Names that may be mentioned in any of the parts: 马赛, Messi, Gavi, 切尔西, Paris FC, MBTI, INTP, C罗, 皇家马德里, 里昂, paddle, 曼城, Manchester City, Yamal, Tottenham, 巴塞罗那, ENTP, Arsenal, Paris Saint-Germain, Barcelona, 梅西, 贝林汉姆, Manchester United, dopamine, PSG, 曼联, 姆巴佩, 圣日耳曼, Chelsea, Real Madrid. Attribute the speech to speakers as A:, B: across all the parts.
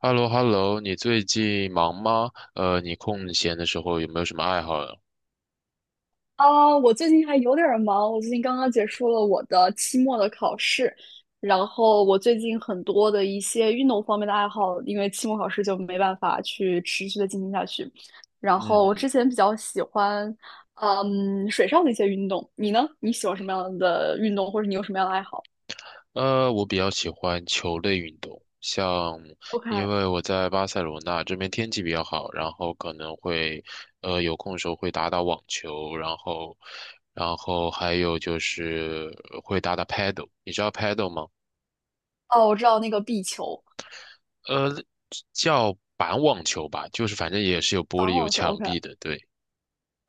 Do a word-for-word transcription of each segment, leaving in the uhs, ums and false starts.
A: h e l l o h e l l o 你最近忙吗？呃，你空闲的时候有没有什么爱好呀？
B: 啊，我最近还有点儿忙，我最近刚刚结束了我的期末的考试，然后我最近很多的一些运动方面的爱好，因为期末考试就没办法去持续的进行下去。然
A: 嗯
B: 后我
A: 哼。
B: 之前比较喜欢，嗯，水上的一些运动。你呢？你喜欢什么样的运动，或者你有什么样的爱好
A: 呃，我比较喜欢球类运动，像因
B: ？OK，
A: 为我在巴塞罗那这边天气比较好，然后可能会，呃，有空的时候会打打网球，然后，然后还有就是会打打 paddle，你知道 paddle 吗？
B: 哦，我知道那个壁球、
A: 呃，叫板网球吧，就是反正也是有玻
B: 打
A: 璃有
B: 网球。
A: 墙
B: OK，
A: 壁的，对。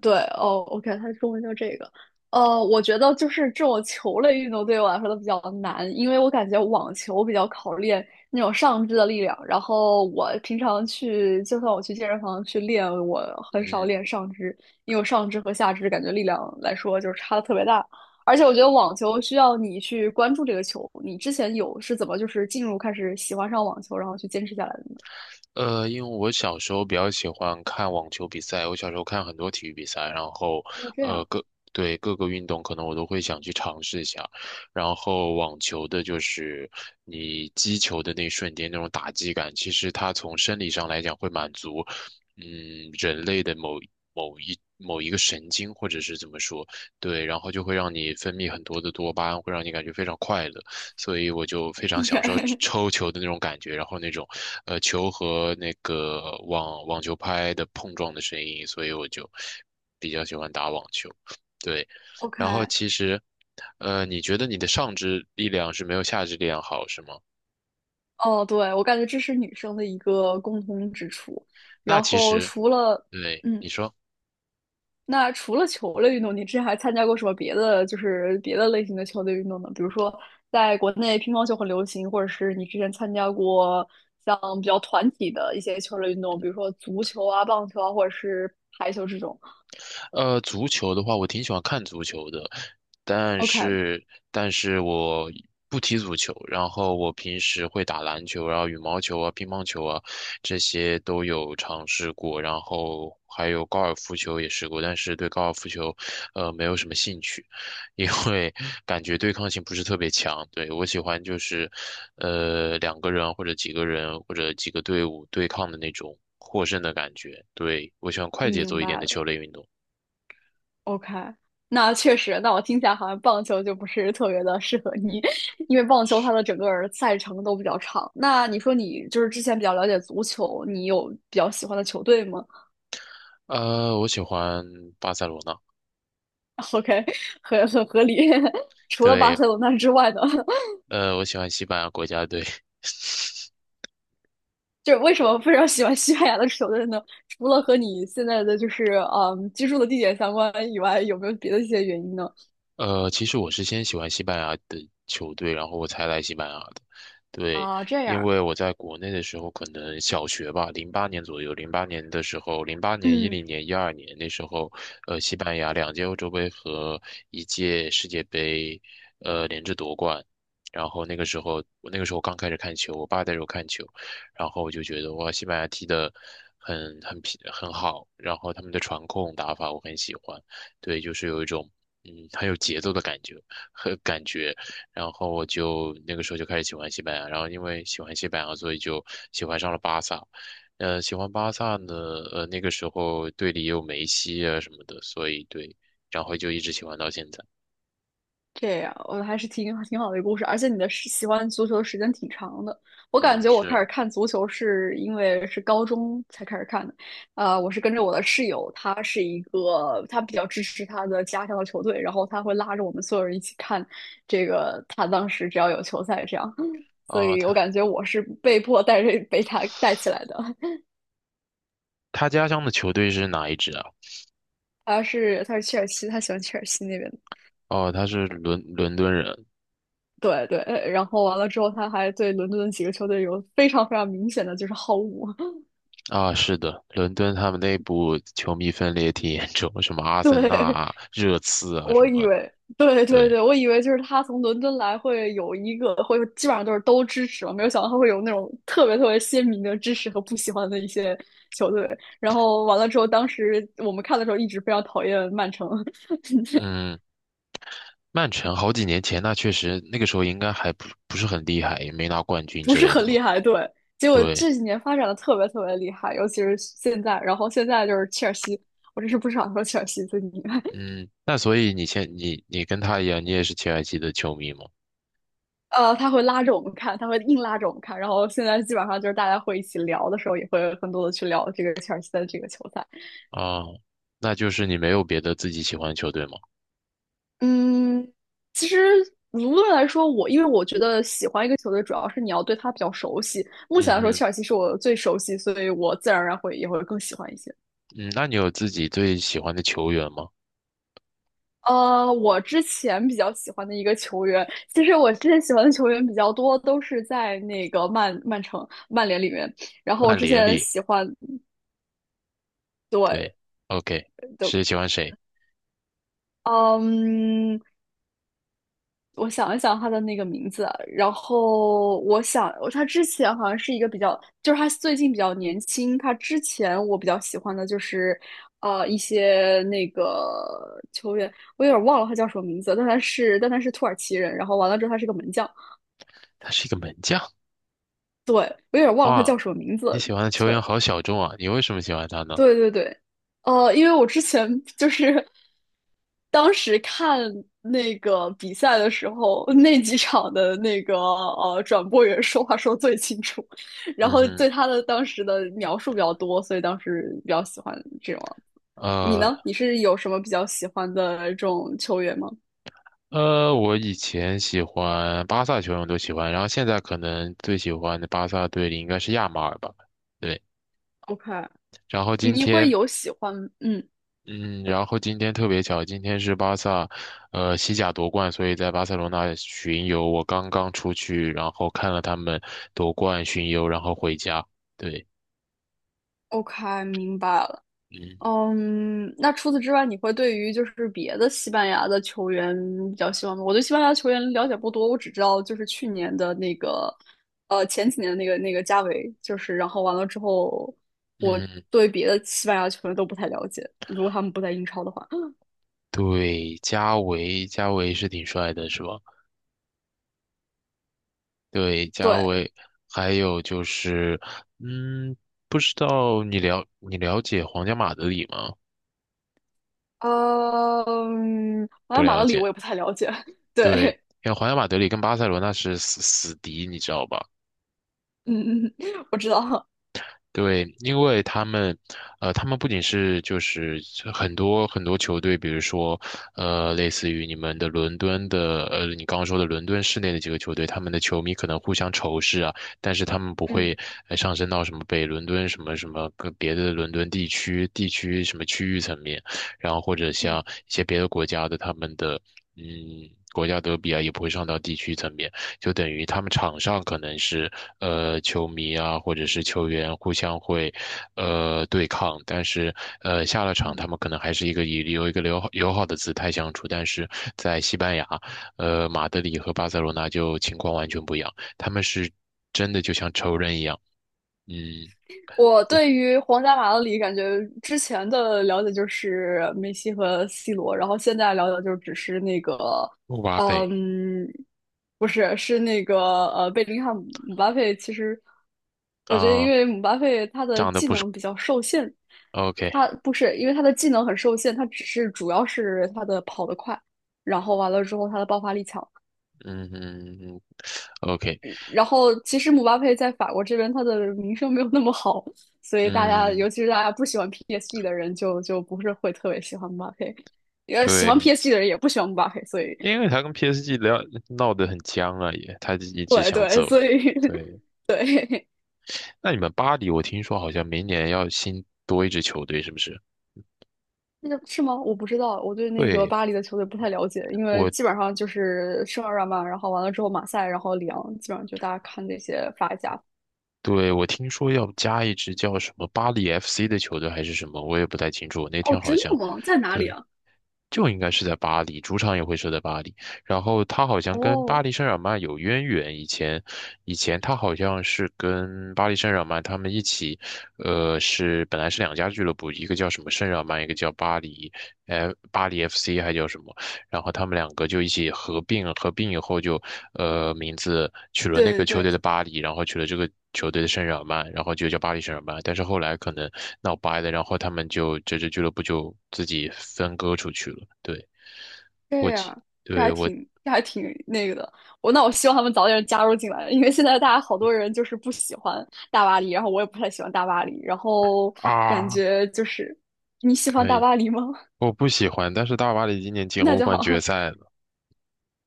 B: 对哦，OK，它中文叫这个。呃，我觉得就是这种球类运动对我来说都比较难，因为我感觉网球比较考练那种上肢的力量。然后我平常去，就算我去健身房去练，我很少
A: 嗯。
B: 练上肢，因为我上肢和下肢感觉力量来说就是差的特别大。而且我觉得网球需要你去关注这个球，你之前有是怎么就是进入开始喜欢上网球，然后去坚持下来的吗？
A: 呃，因为我小时候比较喜欢看网球比赛，我小时候看很多体育比赛，然后
B: 哦，这
A: 呃
B: 样
A: 各对各个运动可能我都会想去尝试一下。然后网球的就是你击球的那一瞬间那种打击感，其实它从生理上来讲会满足，嗯，人类的某某一个神经，或者是怎么说，对，然后就会让你分泌很多的多巴胺，会让你感觉非常快乐，所以我就非常享受抽球的那种感觉，然后那种，呃，球和那个网网球拍的碰撞的声音，所以我就比较喜欢打网球，对。然后
B: ，OK。
A: 其实，呃，你觉得你的上肢力量是没有下肢力量好，是吗？
B: 哦，对，我感觉这是女生的一个共通之处。
A: 那
B: 然
A: 其
B: 后
A: 实，
B: 除了，
A: 对，
B: 嗯，
A: 你说。
B: 那除了球类运动，你之前还参加过什么别的，就是别的类型的球类运动呢？比如说，在国内乒乓球很流行，或者是你之前参加过像比较团体的一些球类运动，比如说足球啊、棒球啊，或者是排球这种。
A: 呃，足球的话，我挺喜欢看足球的，但
B: OK，
A: 是但是我不踢足球，然后我平时会打篮球然后羽毛球啊、乒乓球啊，这些都有尝试过，然后还有高尔夫球也试过，但是对高尔夫球，呃，没有什么兴趣，因为 感觉对抗性不是特别强。对，我喜欢就是，呃，两个人或者几个人或者几个队伍对抗的那种获胜的感觉。对，我喜欢快节
B: 明
A: 奏一点
B: 白
A: 的
B: 了。
A: 球类运动。
B: OK，那确实，那我听起来好像棒球就不是特别的适合你，因为棒球
A: 是，
B: 它的整个儿赛程都比较长。那你说你就是之前比较了解足球，你有比较喜欢的球队吗？
A: 呃，我喜欢巴塞罗那。
B: ？OK，很很合理。除了巴
A: 对，
B: 塞罗那之外呢？
A: 呃，我喜欢西班牙国家队。
B: 就是为什么非常喜欢西班牙的球队呢？除了和你现在的就是嗯居住的地点相关以外，有没有别的一些原因呢？
A: 呃，其实我是先喜欢西班牙的球队，然后我才来西班牙的。对，
B: 啊，这
A: 因
B: 样，
A: 为我在国内的时候，可能小学吧，零八年左右，零八年的时候，零八年、一
B: 嗯。
A: 零年、一二年那时候，呃，西班牙两届欧洲杯和一届世界杯，呃，连着夺冠。然后那个时候，我那个时候刚开始看球，我爸带着我看球，然后我就觉得哇，西班牙踢的很很皮很好，然后他们的传控打法我很喜欢。对，就是有一种嗯很有节奏的感觉和感觉，然后我就那个时候就开始喜欢西班牙，然后因为喜欢西班牙，所以就喜欢上了巴萨。呃，喜欢巴萨呢，呃，那个时候队里也有梅西啊什么的，所以对，然后就一直喜欢到现在。
B: 这样，我还是挺挺好的一个故事，而且你的时喜欢足球的时间挺长的。我感
A: 嗯，
B: 觉我开始
A: 是
B: 看足球是因为是高中才开始看的，呃，我是跟着我的室友，他是一个他比较支持他的家乡的球队，然后他会拉着我们所有人一起看这个，他当时只要有球赛这样，所
A: 啊，
B: 以我
A: 他
B: 感觉我是被迫带着被他带起来的。
A: 他家乡的球队是哪一支啊？
B: 他是他是切尔西，他喜欢切尔西那边。
A: 哦，他是伦伦敦人
B: 对对，然后完了之后，他还对伦敦的几个球队有非常非常明显的就是好恶。
A: 啊，是的，伦敦他们内部球迷分裂挺严重，什么阿森纳
B: 对，
A: 啊、热刺啊什
B: 我以
A: 么，
B: 为，对对
A: 对。
B: 对，我以为就是他从伦敦来会有一个，会基本上都是都支持嘛，没有想到他会有那种特别特别鲜明的支持和不喜欢的一些球队。然后完了之后，当时我们看的时候一直非常讨厌曼城。
A: 嗯，曼城好几年前，那确实那个时候应该还不不是很厉害，也没拿冠 军
B: 不
A: 之
B: 是
A: 类的
B: 很
A: 吧？
B: 厉害，对。结果
A: 对。
B: 这几年发展的特别特别厉害，尤其是现在，然后现在就是切尔西，我真是不想说切尔西最厉害。
A: 嗯，那所以你现你你跟他一样，你也是切尔西的球迷吗？
B: 呃，他会拉着我们看，他会硬拉着我们看。然后现在基本上就是大家会一起聊的时候，也会更多的去聊这个切尔西的这个球赛。
A: 啊，那就是你没有别的自己喜欢的球队吗？
B: 嗯，其实无论来说，我因为我觉得喜欢一个球队，主要是你要对他比较熟悉。目前
A: 嗯
B: 来说，
A: 哼。
B: 切尔西是我最熟悉，所以我自然而然会也会更喜欢一些。
A: 嗯，那你有自己最喜欢的球员吗？
B: 呃，我之前比较喜欢的一个球员，其实我之前喜欢的球员比较多，都是在那个曼曼城、曼联里面。然后我
A: 曼
B: 之
A: 联
B: 前
A: 里。
B: 喜欢，
A: 对
B: 对，
A: ，OK。
B: 对，
A: 是喜欢谁？
B: 嗯，我想一想他的那个名字啊然后我想，他之前好像是一个比较，就是他最近比较年轻。他之前我比较喜欢的就是，呃，一些那个球员，我有点忘了他叫什么名字，但他是但他是土耳其人，然后完了之后他是个门将，
A: 他是一个门将
B: 对，我有点忘了他
A: 啊，
B: 叫什么名
A: 你
B: 字。
A: 喜欢的球员
B: 对，
A: 好小众啊，你为什么喜欢他呢？
B: 对对对，呃，因为我之前就是当时看那个比赛的时候，那几场的那个呃转播员说话说最清楚，然
A: 嗯
B: 后
A: 哼。
B: 对他的当时的描述比较多，所以当时比较喜欢这种。你
A: 呃，
B: 呢？你是有什么比较喜欢的这种球员吗
A: 呃，我以前喜欢巴萨球员我都喜欢，然后现在可能最喜欢的巴萨队里应该是亚马尔吧。对，
B: ？OK，
A: 然后今
B: 你会
A: 天，
B: 有喜欢，嗯
A: 嗯，然后今天特别巧，今天是巴萨，呃，西甲夺冠，所以在巴塞罗那巡游，我刚刚出去，然后看了他们夺冠巡游，然后回家。对。
B: ，OK，明白了。
A: 嗯
B: 嗯，那除此之外，你会对于就是别的西班牙的球员比较希望吗？我对西班牙球员了解不多，我只知道就是去年的那个，呃，前几年的那个那个加维，就是然后完了之后，我
A: 嗯。
B: 对别的西班牙球员都不太了解，如果他们不在英超的话。
A: 对，加维，加维是挺帅的，是吧？对，加
B: 对，
A: 维，还有就是，嗯，不知道你了你了解皇家马德里吗？
B: 呃嗯，好
A: 不
B: 像马
A: 了
B: 德里
A: 解。
B: 我也不太了解。
A: 对，
B: 对，
A: 因为皇家马德里跟巴塞罗那是死死敌，你知道吧？
B: 嗯嗯，嗯我知道。
A: 对，因为他们，呃，他们不仅是就是很多很多球队，比如说，呃，类似于你们的伦敦的，呃，你刚刚说的伦敦市内的几个球队，他们的球迷可能互相仇视啊，但是他们不会
B: 嗯
A: 呃上升到什么北伦敦什么什么跟别的伦敦地区地区什么区域层面，然后或者像
B: 嗯
A: 一些别的国家的他们的，嗯，国家德比啊，也不会上到地区层面。就等于他们场上可能是呃球迷啊，或者是球员互相会呃对抗，但是呃下了场
B: 嗯。
A: 他们可能还是一个以有一个友好友好的姿态相处，但是在西班牙，呃马德里和巴塞罗那就情况完全不一样，他们是真的就像仇人一样。嗯。
B: 我对于皇家马德里感觉之前的了解就是梅西和 C 罗，然后现在了解就只是那个，
A: 哇贝
B: 嗯，不是，是那个呃贝林汉姆、姆巴佩。其实我觉得，因
A: 啊，
B: 为姆巴佩他的
A: 长得
B: 技
A: 不是
B: 能比较受限，
A: OK。
B: 他不是因为他的技能很受限，他只是主要是他的跑得快，然后完了之后他的爆发力强。
A: 嗯嗯嗯。OK。
B: 然后其实姆巴佩在法国这边他的名声没有那么好，所以大家
A: 嗯，
B: 尤其是大家不喜欢 P S G 的人就就不是会特别喜欢姆巴佩，呃，喜欢
A: 对。
B: P S G 的人也不喜欢姆巴佩，所以
A: 因为他跟 P S G 聊闹得很僵啊，也他一直
B: 对
A: 想
B: 对，
A: 走。
B: 所以
A: 对，那你们巴黎，我听说好像明年要新多一支球队，是不是？
B: 那个是吗？我不知道，我对那个
A: 对，
B: 巴黎的球队不太了解，因为
A: 我
B: 基本上就是圣日耳曼，然后完了之后马赛，然后里昂，基本上就大家看这些法甲。
A: 对我听说要加一支叫什么巴黎 F C 的球队还是什么，我也不太清楚。我那
B: 哦，
A: 天好
B: 真
A: 像，
B: 的吗？在哪里
A: 对，
B: 啊？
A: 就应该是在巴黎，主场也会设在巴黎。然后他好像跟巴
B: 哦，
A: 黎圣日耳曼有渊源，以前以前他好像是跟巴黎圣日耳曼他们一起，呃，是本来是两家俱乐部，一个叫什么圣日耳曼，一个叫巴黎，呃，巴黎 F C 还叫什么，然后他们两个就一起合并，合并以后就，呃，名字取了那个
B: 对对
A: 球队的
B: 对。
A: 巴黎，然后取了这个球队的圣日耳曼，然后就叫巴黎圣日耳曼。但是后来可能闹掰了，然后他们就这支俱乐部就自己分割出去了。对，我
B: 对
A: 记
B: 呀，这
A: 对，
B: 还
A: 我
B: 挺这还挺那个的。我那我希望他们早点加入进来，因为现在大家好多人就是不喜欢大巴黎，然后我也不太喜欢大巴黎，然后感
A: 啊，
B: 觉就是你喜欢
A: 可
B: 大
A: 以，
B: 巴黎吗？
A: 我不喜欢，但是大巴黎今年 进
B: 那
A: 欧
B: 就
A: 冠
B: 好。
A: 决 赛了。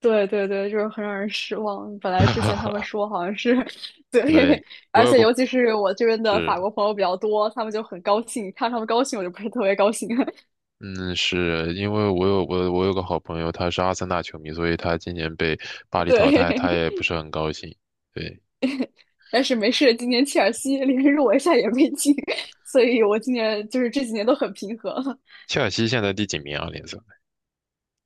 B: 对对对，就是很让人失望。本来之前他们 说好像是
A: 对，
B: 对，
A: 我
B: 而
A: 有
B: 且
A: 个
B: 尤其是我这边的法
A: 是。
B: 国朋友比较多，他们就很高兴，看他们高兴我就不是特别高兴。
A: 嗯，是因为我有我我有个好朋友，他是阿森纳球迷，所以他今年被巴 黎淘汰，他
B: 对
A: 也不是很高兴。对，
B: 但是没事，今年切尔西连入围赛也没进，所以我今年就是这几年都很平和了。
A: 切尔西现在第几名啊？联赛？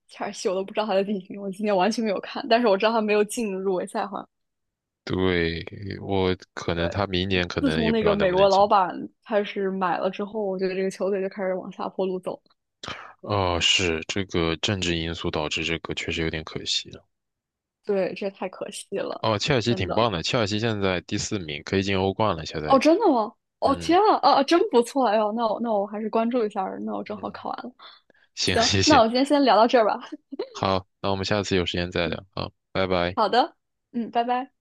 B: 切尔西我都不知道他的地名，我今年完全没有看，但是我知道他没有进入围赛，好像。
A: 对，我可能他明年可
B: 自
A: 能
B: 从
A: 也不
B: 那
A: 知
B: 个
A: 道能
B: 美
A: 不能
B: 国老
A: 进。
B: 板开始买了之后，我觉得这个球队就开始往下坡路走。
A: 哦，是这个政治因素导致这个，确实有点可惜了。
B: 对，这太可惜了，
A: 哦，切尔西
B: 真
A: 挺
B: 的。
A: 棒的，切尔西现在第四名，可以进欧冠了，下赛
B: 哦，
A: 季。
B: 真的吗？哦，天
A: 嗯
B: 啊，啊，哦真不错！哎呦，那我那我还是关注一下那我正好
A: 嗯，
B: 考完了。
A: 行，
B: 行，
A: 谢
B: 那
A: 谢。
B: 我今天先聊到这儿吧。
A: 好，那我们下次有时间再聊。啊，拜拜。
B: 好的，嗯，拜拜。